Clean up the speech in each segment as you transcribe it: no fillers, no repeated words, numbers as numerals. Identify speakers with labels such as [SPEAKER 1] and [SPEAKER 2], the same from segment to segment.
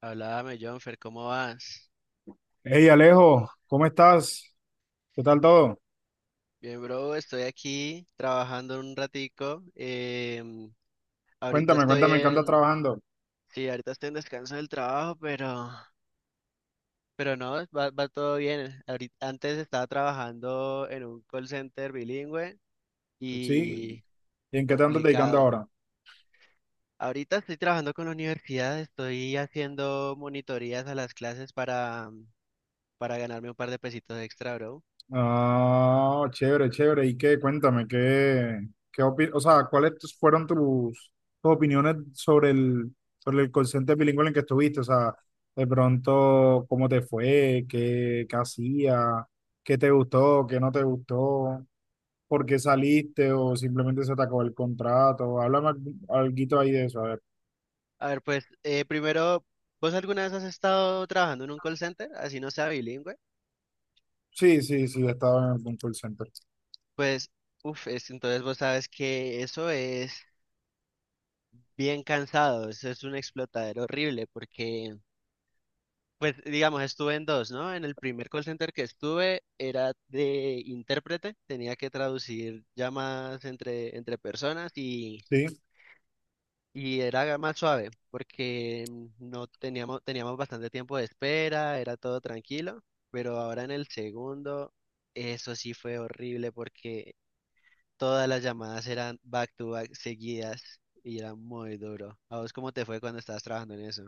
[SPEAKER 1] Háblame, Jonfer, ¿cómo vas?
[SPEAKER 2] Hey Alejo, ¿cómo estás? ¿Qué tal todo?
[SPEAKER 1] Bien, bro, estoy aquí trabajando un ratico. em, ahorita
[SPEAKER 2] Cuéntame,
[SPEAKER 1] estoy
[SPEAKER 2] cuéntame en qué andas
[SPEAKER 1] en,
[SPEAKER 2] trabajando.
[SPEAKER 1] sí, ahorita estoy en descanso del trabajo, pero no, va todo bien. Ahorita, antes estaba trabajando en un call center bilingüe
[SPEAKER 2] Sí,
[SPEAKER 1] y
[SPEAKER 2] ¿y en qué te andas dedicando
[SPEAKER 1] complicado.
[SPEAKER 2] ahora?
[SPEAKER 1] Ahorita estoy trabajando con la universidad, estoy haciendo monitorías a las clases para ganarme un par de pesitos extra, bro.
[SPEAKER 2] Ah, chévere, chévere. ¿Y qué? Cuéntame, ¿qué, o sea, cuáles tus- fueron tus, tus opiniones sobre sobre el call center bilingüe en el que estuviste? O sea, de pronto, ¿cómo te fue? ¿Qué, qué hacía? ¿Qué te gustó? ¿Qué no te gustó? ¿Por qué saliste? ¿O simplemente se te acabó el contrato? Háblame algo ahí de eso, a ver.
[SPEAKER 1] A ver, pues primero, ¿vos alguna vez has estado trabajando en un call center, así no sea bilingüe?
[SPEAKER 2] Sí, sí, sí, estaba en algún call center.
[SPEAKER 1] Pues, uff, entonces vos sabes que eso es bien cansado, eso es un explotadero horrible, porque, pues, digamos, estuve en dos, ¿no? En el primer call center que estuve era de intérprete, tenía que traducir llamadas entre personas y
[SPEAKER 2] Sí,
[SPEAKER 1] Y era más suave, porque no teníamos, teníamos bastante tiempo de espera, era todo tranquilo, pero ahora en el segundo, eso sí fue horrible porque todas las llamadas eran back to back seguidas y era muy duro. ¿A vos cómo te fue cuando estabas trabajando en eso?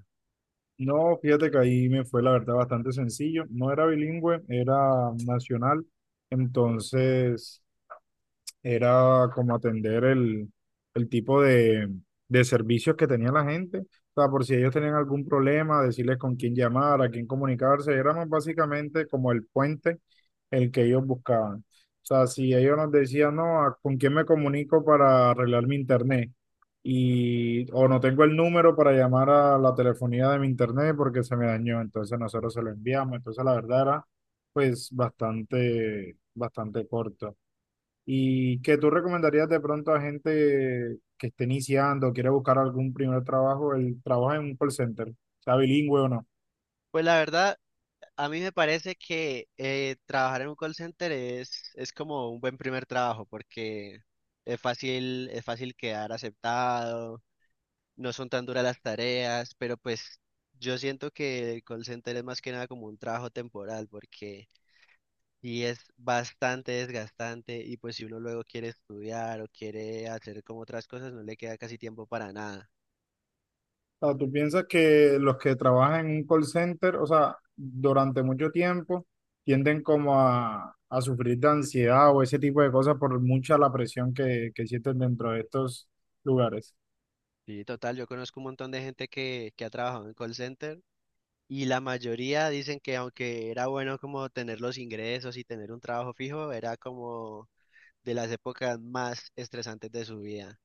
[SPEAKER 2] no, fíjate que ahí me fue la verdad bastante sencillo. No era bilingüe, era nacional. Entonces, era como atender el tipo de servicios que tenía la gente. O sea, por si ellos tenían algún problema, decirles con quién llamar, a quién comunicarse. Éramos básicamente como el puente el que ellos buscaban. O sea, si ellos nos decían, no, ¿con quién me comunico para arreglar mi internet? Y, o no tengo el número para llamar a la telefonía de mi internet porque se me dañó. Entonces nosotros se lo enviamos. Entonces la verdad era pues bastante, bastante corto. ¿Y que tú recomendarías de pronto a gente que esté iniciando, quiere buscar algún primer trabajo, el trabajo en un call center, sea bilingüe o no?
[SPEAKER 1] Pues la verdad, a mí me parece que trabajar en un call center es como un buen primer trabajo porque es fácil quedar aceptado, no son tan duras las tareas, pero pues yo siento que el call center es más que nada como un trabajo temporal, porque y es bastante desgastante, y pues si uno luego quiere estudiar o quiere hacer como otras cosas, no le queda casi tiempo para nada.
[SPEAKER 2] O sea, ¿tú piensas que los que trabajan en un call center, o sea, durante mucho tiempo, tienden como a sufrir de ansiedad o ese tipo de cosas por mucha la presión que sienten dentro de estos lugares?
[SPEAKER 1] Sí, total, yo conozco un montón de gente que ha trabajado en call center y la mayoría dicen que aunque era bueno como tener los ingresos y tener un trabajo fijo, era como de las épocas más estresantes de su vida,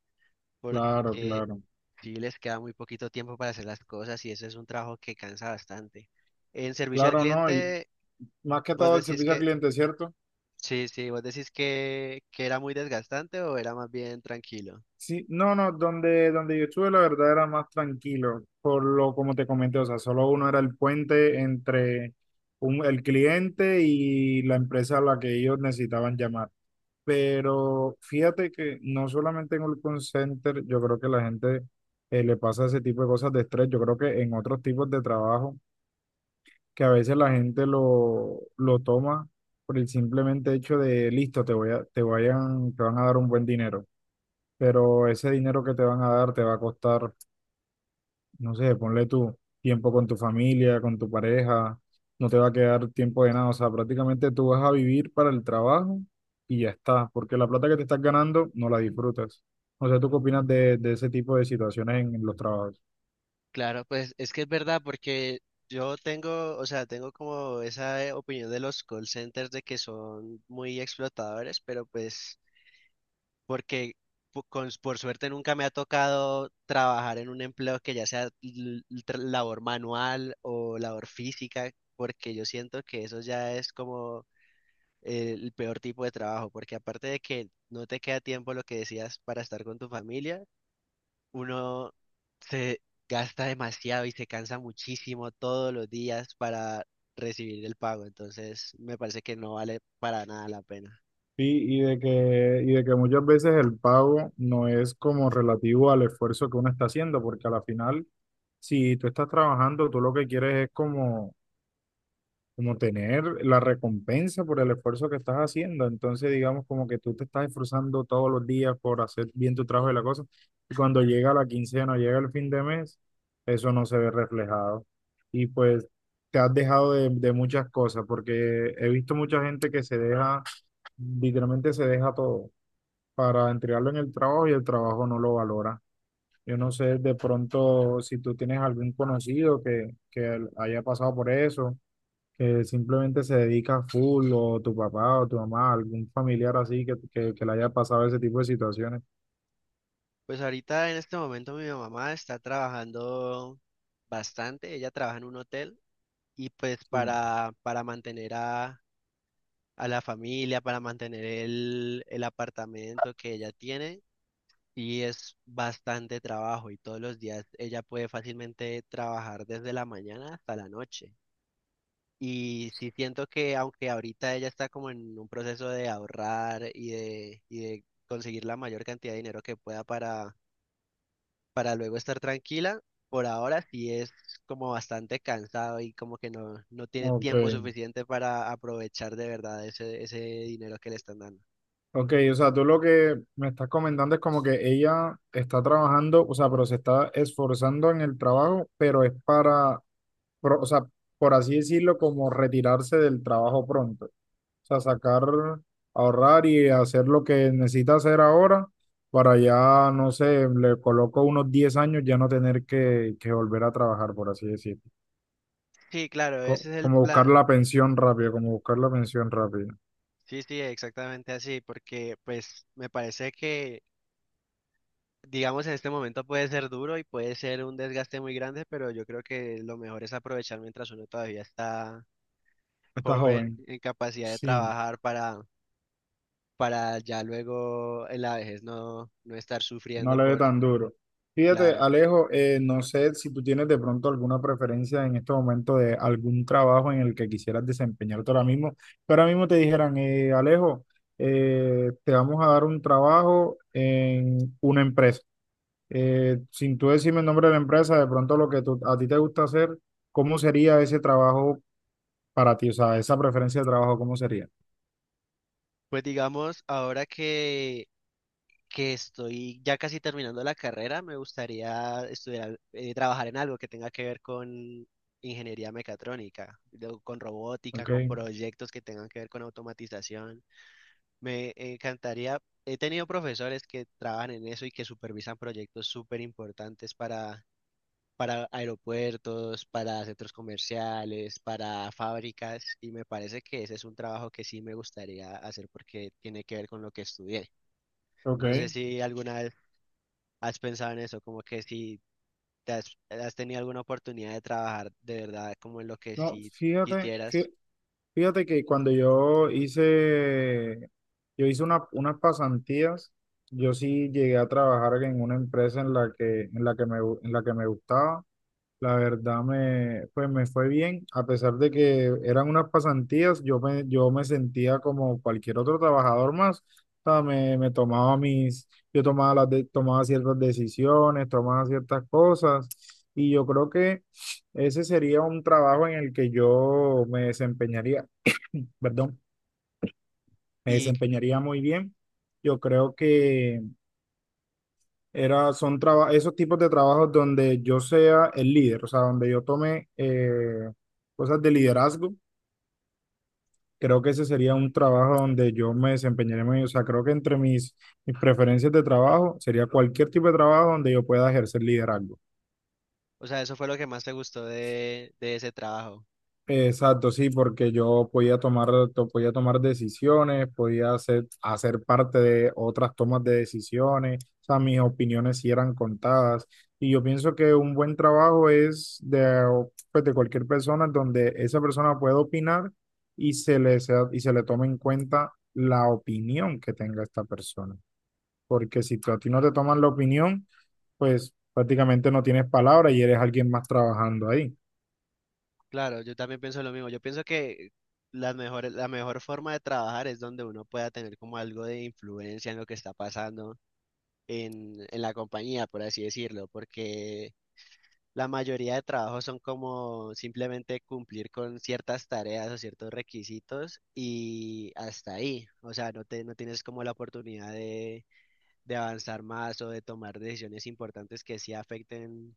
[SPEAKER 2] Claro,
[SPEAKER 1] porque
[SPEAKER 2] claro.
[SPEAKER 1] sí, les queda muy poquito tiempo para hacer las cosas y eso es un trabajo que cansa bastante. En servicio al
[SPEAKER 2] Claro, ¿no? Y
[SPEAKER 1] cliente,
[SPEAKER 2] más que
[SPEAKER 1] vos
[SPEAKER 2] todo el
[SPEAKER 1] decís
[SPEAKER 2] servicio al
[SPEAKER 1] que,
[SPEAKER 2] cliente, ¿cierto?
[SPEAKER 1] sí, sí, vos decís que era muy desgastante o era más bien tranquilo.
[SPEAKER 2] Sí, no, no, donde yo estuve la verdad era más tranquilo, por lo como te comenté, o sea, solo uno era el puente entre el cliente y la empresa a la que ellos necesitaban llamar. Pero fíjate que no solamente en el call center, yo creo que la gente le pasa ese tipo de cosas de estrés, yo creo que en otros tipos de trabajo, que a veces la gente lo toma por el simplemente hecho de, listo, te voy a, te vayan, te van a dar un buen dinero, pero ese dinero que te van a dar te va a costar, no sé, ponle tu tiempo con tu familia, con tu pareja, no te va a quedar tiempo de nada, o sea, prácticamente tú vas a vivir para el trabajo y ya está, porque la plata que te estás ganando no la disfrutas. O sea, ¿tú qué opinas de ese tipo de situaciones en los trabajos?
[SPEAKER 1] Claro, pues es que es verdad porque yo tengo, o sea, tengo como esa opinión de los call centers de que son muy explotadores, pero pues porque por suerte nunca me ha tocado trabajar en un empleo que ya sea labor manual o labor física, porque yo siento que eso ya es como el peor tipo de trabajo, porque aparte de que no te queda tiempo lo que decías para estar con tu familia, uno se gasta demasiado y se cansa muchísimo todos los días para recibir el pago, entonces me parece que no vale para nada la pena.
[SPEAKER 2] Y de que muchas veces el pago no es como relativo al esfuerzo que uno está haciendo, porque a la final, si tú estás trabajando, tú lo que quieres es como tener la recompensa por el esfuerzo que estás haciendo. Entonces, digamos, como que tú te estás esforzando todos los días por hacer bien tu trabajo y la cosa. Y cuando llega la quincena, llega el fin de mes, eso no se ve reflejado. Y pues te has dejado de muchas cosas, porque he visto mucha gente que se deja, literalmente se deja todo para entregarlo en el trabajo y el trabajo no lo valora. Yo no sé de pronto si tú tienes algún conocido que haya pasado por eso que simplemente se dedica full, o tu papá o tu mamá, algún familiar así que le haya pasado ese tipo de situaciones.
[SPEAKER 1] Pues ahorita en este momento mi mamá está trabajando bastante, ella trabaja en un hotel y pues
[SPEAKER 2] Sí.
[SPEAKER 1] para mantener a la familia, para mantener el apartamento que ella tiene, y es bastante trabajo y todos los días ella puede fácilmente trabajar desde la mañana hasta la noche. Y sí siento que aunque ahorita ella está como en un proceso de ahorrar y de conseguir la mayor cantidad de dinero que pueda para luego estar tranquila. Por ahora sí es como bastante cansado y como que no, no tiene
[SPEAKER 2] Ok,
[SPEAKER 1] tiempo suficiente para aprovechar de verdad ese dinero que le están dando.
[SPEAKER 2] ok, o sea, tú lo que me estás comentando es como que ella está trabajando, o sea, pero se está esforzando en el trabajo, pero es para, o sea, por así decirlo, como retirarse del trabajo pronto. Sea, sacar, ahorrar y hacer lo que necesita hacer ahora para ya, no sé, le coloco unos 10 años ya no tener que volver a trabajar, por así decirlo.
[SPEAKER 1] Sí, claro, ese es el
[SPEAKER 2] Como buscar
[SPEAKER 1] plan.
[SPEAKER 2] la pensión rápida, como buscar la pensión rápida.
[SPEAKER 1] Sí, sí, exactamente así, porque pues me parece que, digamos, en este momento puede ser duro y puede ser un desgaste muy grande, pero yo creo que lo mejor es aprovechar mientras uno todavía está
[SPEAKER 2] Está
[SPEAKER 1] joven,
[SPEAKER 2] joven.
[SPEAKER 1] en capacidad de
[SPEAKER 2] Sí.
[SPEAKER 1] trabajar para ya luego en la vejez no, no estar
[SPEAKER 2] No
[SPEAKER 1] sufriendo
[SPEAKER 2] le dé
[SPEAKER 1] por,
[SPEAKER 2] tan duro. Fíjate,
[SPEAKER 1] claro.
[SPEAKER 2] Alejo, no sé si tú tienes de pronto alguna preferencia en este momento de algún trabajo en el que quisieras desempeñarte ahora mismo, pero ahora mismo te dijeran, Alejo, te vamos a dar un trabajo en una empresa. Sin tú decirme el nombre de la empresa, de pronto lo que a ti te gusta hacer, ¿cómo sería ese trabajo para ti? O sea, esa preferencia de trabajo, ¿cómo sería?
[SPEAKER 1] Pues digamos, ahora que estoy ya casi terminando la carrera, me gustaría trabajar en algo que tenga que ver con ingeniería mecatrónica, con robótica,
[SPEAKER 2] Ok,
[SPEAKER 1] con proyectos que tengan que ver con automatización. Me encantaría, he tenido profesores que trabajan en eso y que supervisan proyectos súper importantes para aeropuertos, para centros comerciales, para fábricas, y me parece que ese es un trabajo que sí me gustaría hacer porque tiene que ver con lo que estudié.
[SPEAKER 2] ok.
[SPEAKER 1] No sé si alguna vez has pensado en eso, como que si has tenido alguna oportunidad de trabajar de verdad como en lo que
[SPEAKER 2] No,
[SPEAKER 1] sí
[SPEAKER 2] fíjate,
[SPEAKER 1] quisieras.
[SPEAKER 2] fíjate que cuando yo hice unas pasantías, yo sí llegué a trabajar en una empresa en la en la que en la que me gustaba. La verdad pues me fue bien, a pesar de que eran unas pasantías, yo me sentía como cualquier otro trabajador más. O sea, me tomaba mis, yo tomaba tomaba ciertas decisiones, tomaba ciertas cosas, y yo creo que ese sería un trabajo en el que yo me desempeñaría, perdón, me
[SPEAKER 1] Y,
[SPEAKER 2] desempeñaría muy bien. Yo creo que era, son esos tipos de trabajos donde yo sea el líder, o sea, donde yo tome cosas de liderazgo. Creo que ese sería un trabajo donde yo me desempeñaría muy bien. O sea, creo que entre mis preferencias de trabajo sería cualquier tipo de trabajo donde yo pueda ejercer liderazgo.
[SPEAKER 1] o sea, eso fue lo que más te gustó de ese trabajo.
[SPEAKER 2] Exacto, sí, porque yo podía tomar, podía tomar decisiones, podía hacer, hacer parte de otras tomas de decisiones, o sea, mis opiniones sí eran contadas. Y yo pienso que un buen trabajo es de, pues, de cualquier persona donde esa persona pueda opinar y y se le tome en cuenta la opinión que tenga esta persona. Porque si a ti no te toman la opinión, pues prácticamente no tienes palabra y eres alguien más trabajando ahí.
[SPEAKER 1] Claro, yo también pienso lo mismo. Yo pienso que la mejor forma de trabajar es donde uno pueda tener como algo de influencia en lo que está pasando en la compañía, por así decirlo, porque la mayoría de trabajos son como simplemente cumplir con ciertas tareas o ciertos requisitos y hasta ahí. O sea, no tienes como la oportunidad de avanzar más o de tomar decisiones importantes que sí afecten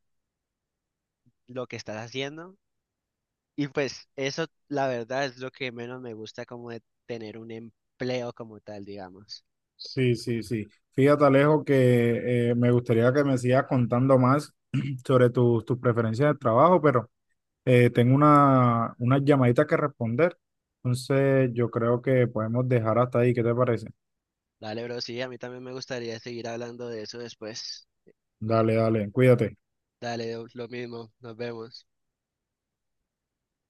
[SPEAKER 1] lo que estás haciendo. Y pues eso, la verdad, es lo que menos me gusta como de tener un empleo como tal, digamos.
[SPEAKER 2] Sí, sí, sí. Fíjate, Alejo, que me gustaría que me sigas contando más sobre tus preferencias de trabajo, pero tengo una llamadita que responder. Entonces, yo creo que podemos dejar hasta ahí. ¿Qué te parece?
[SPEAKER 1] Dale, bro, sí, a mí también me gustaría seguir hablando de eso después.
[SPEAKER 2] Dale, dale, cuídate.
[SPEAKER 1] Dale, lo mismo, nos vemos.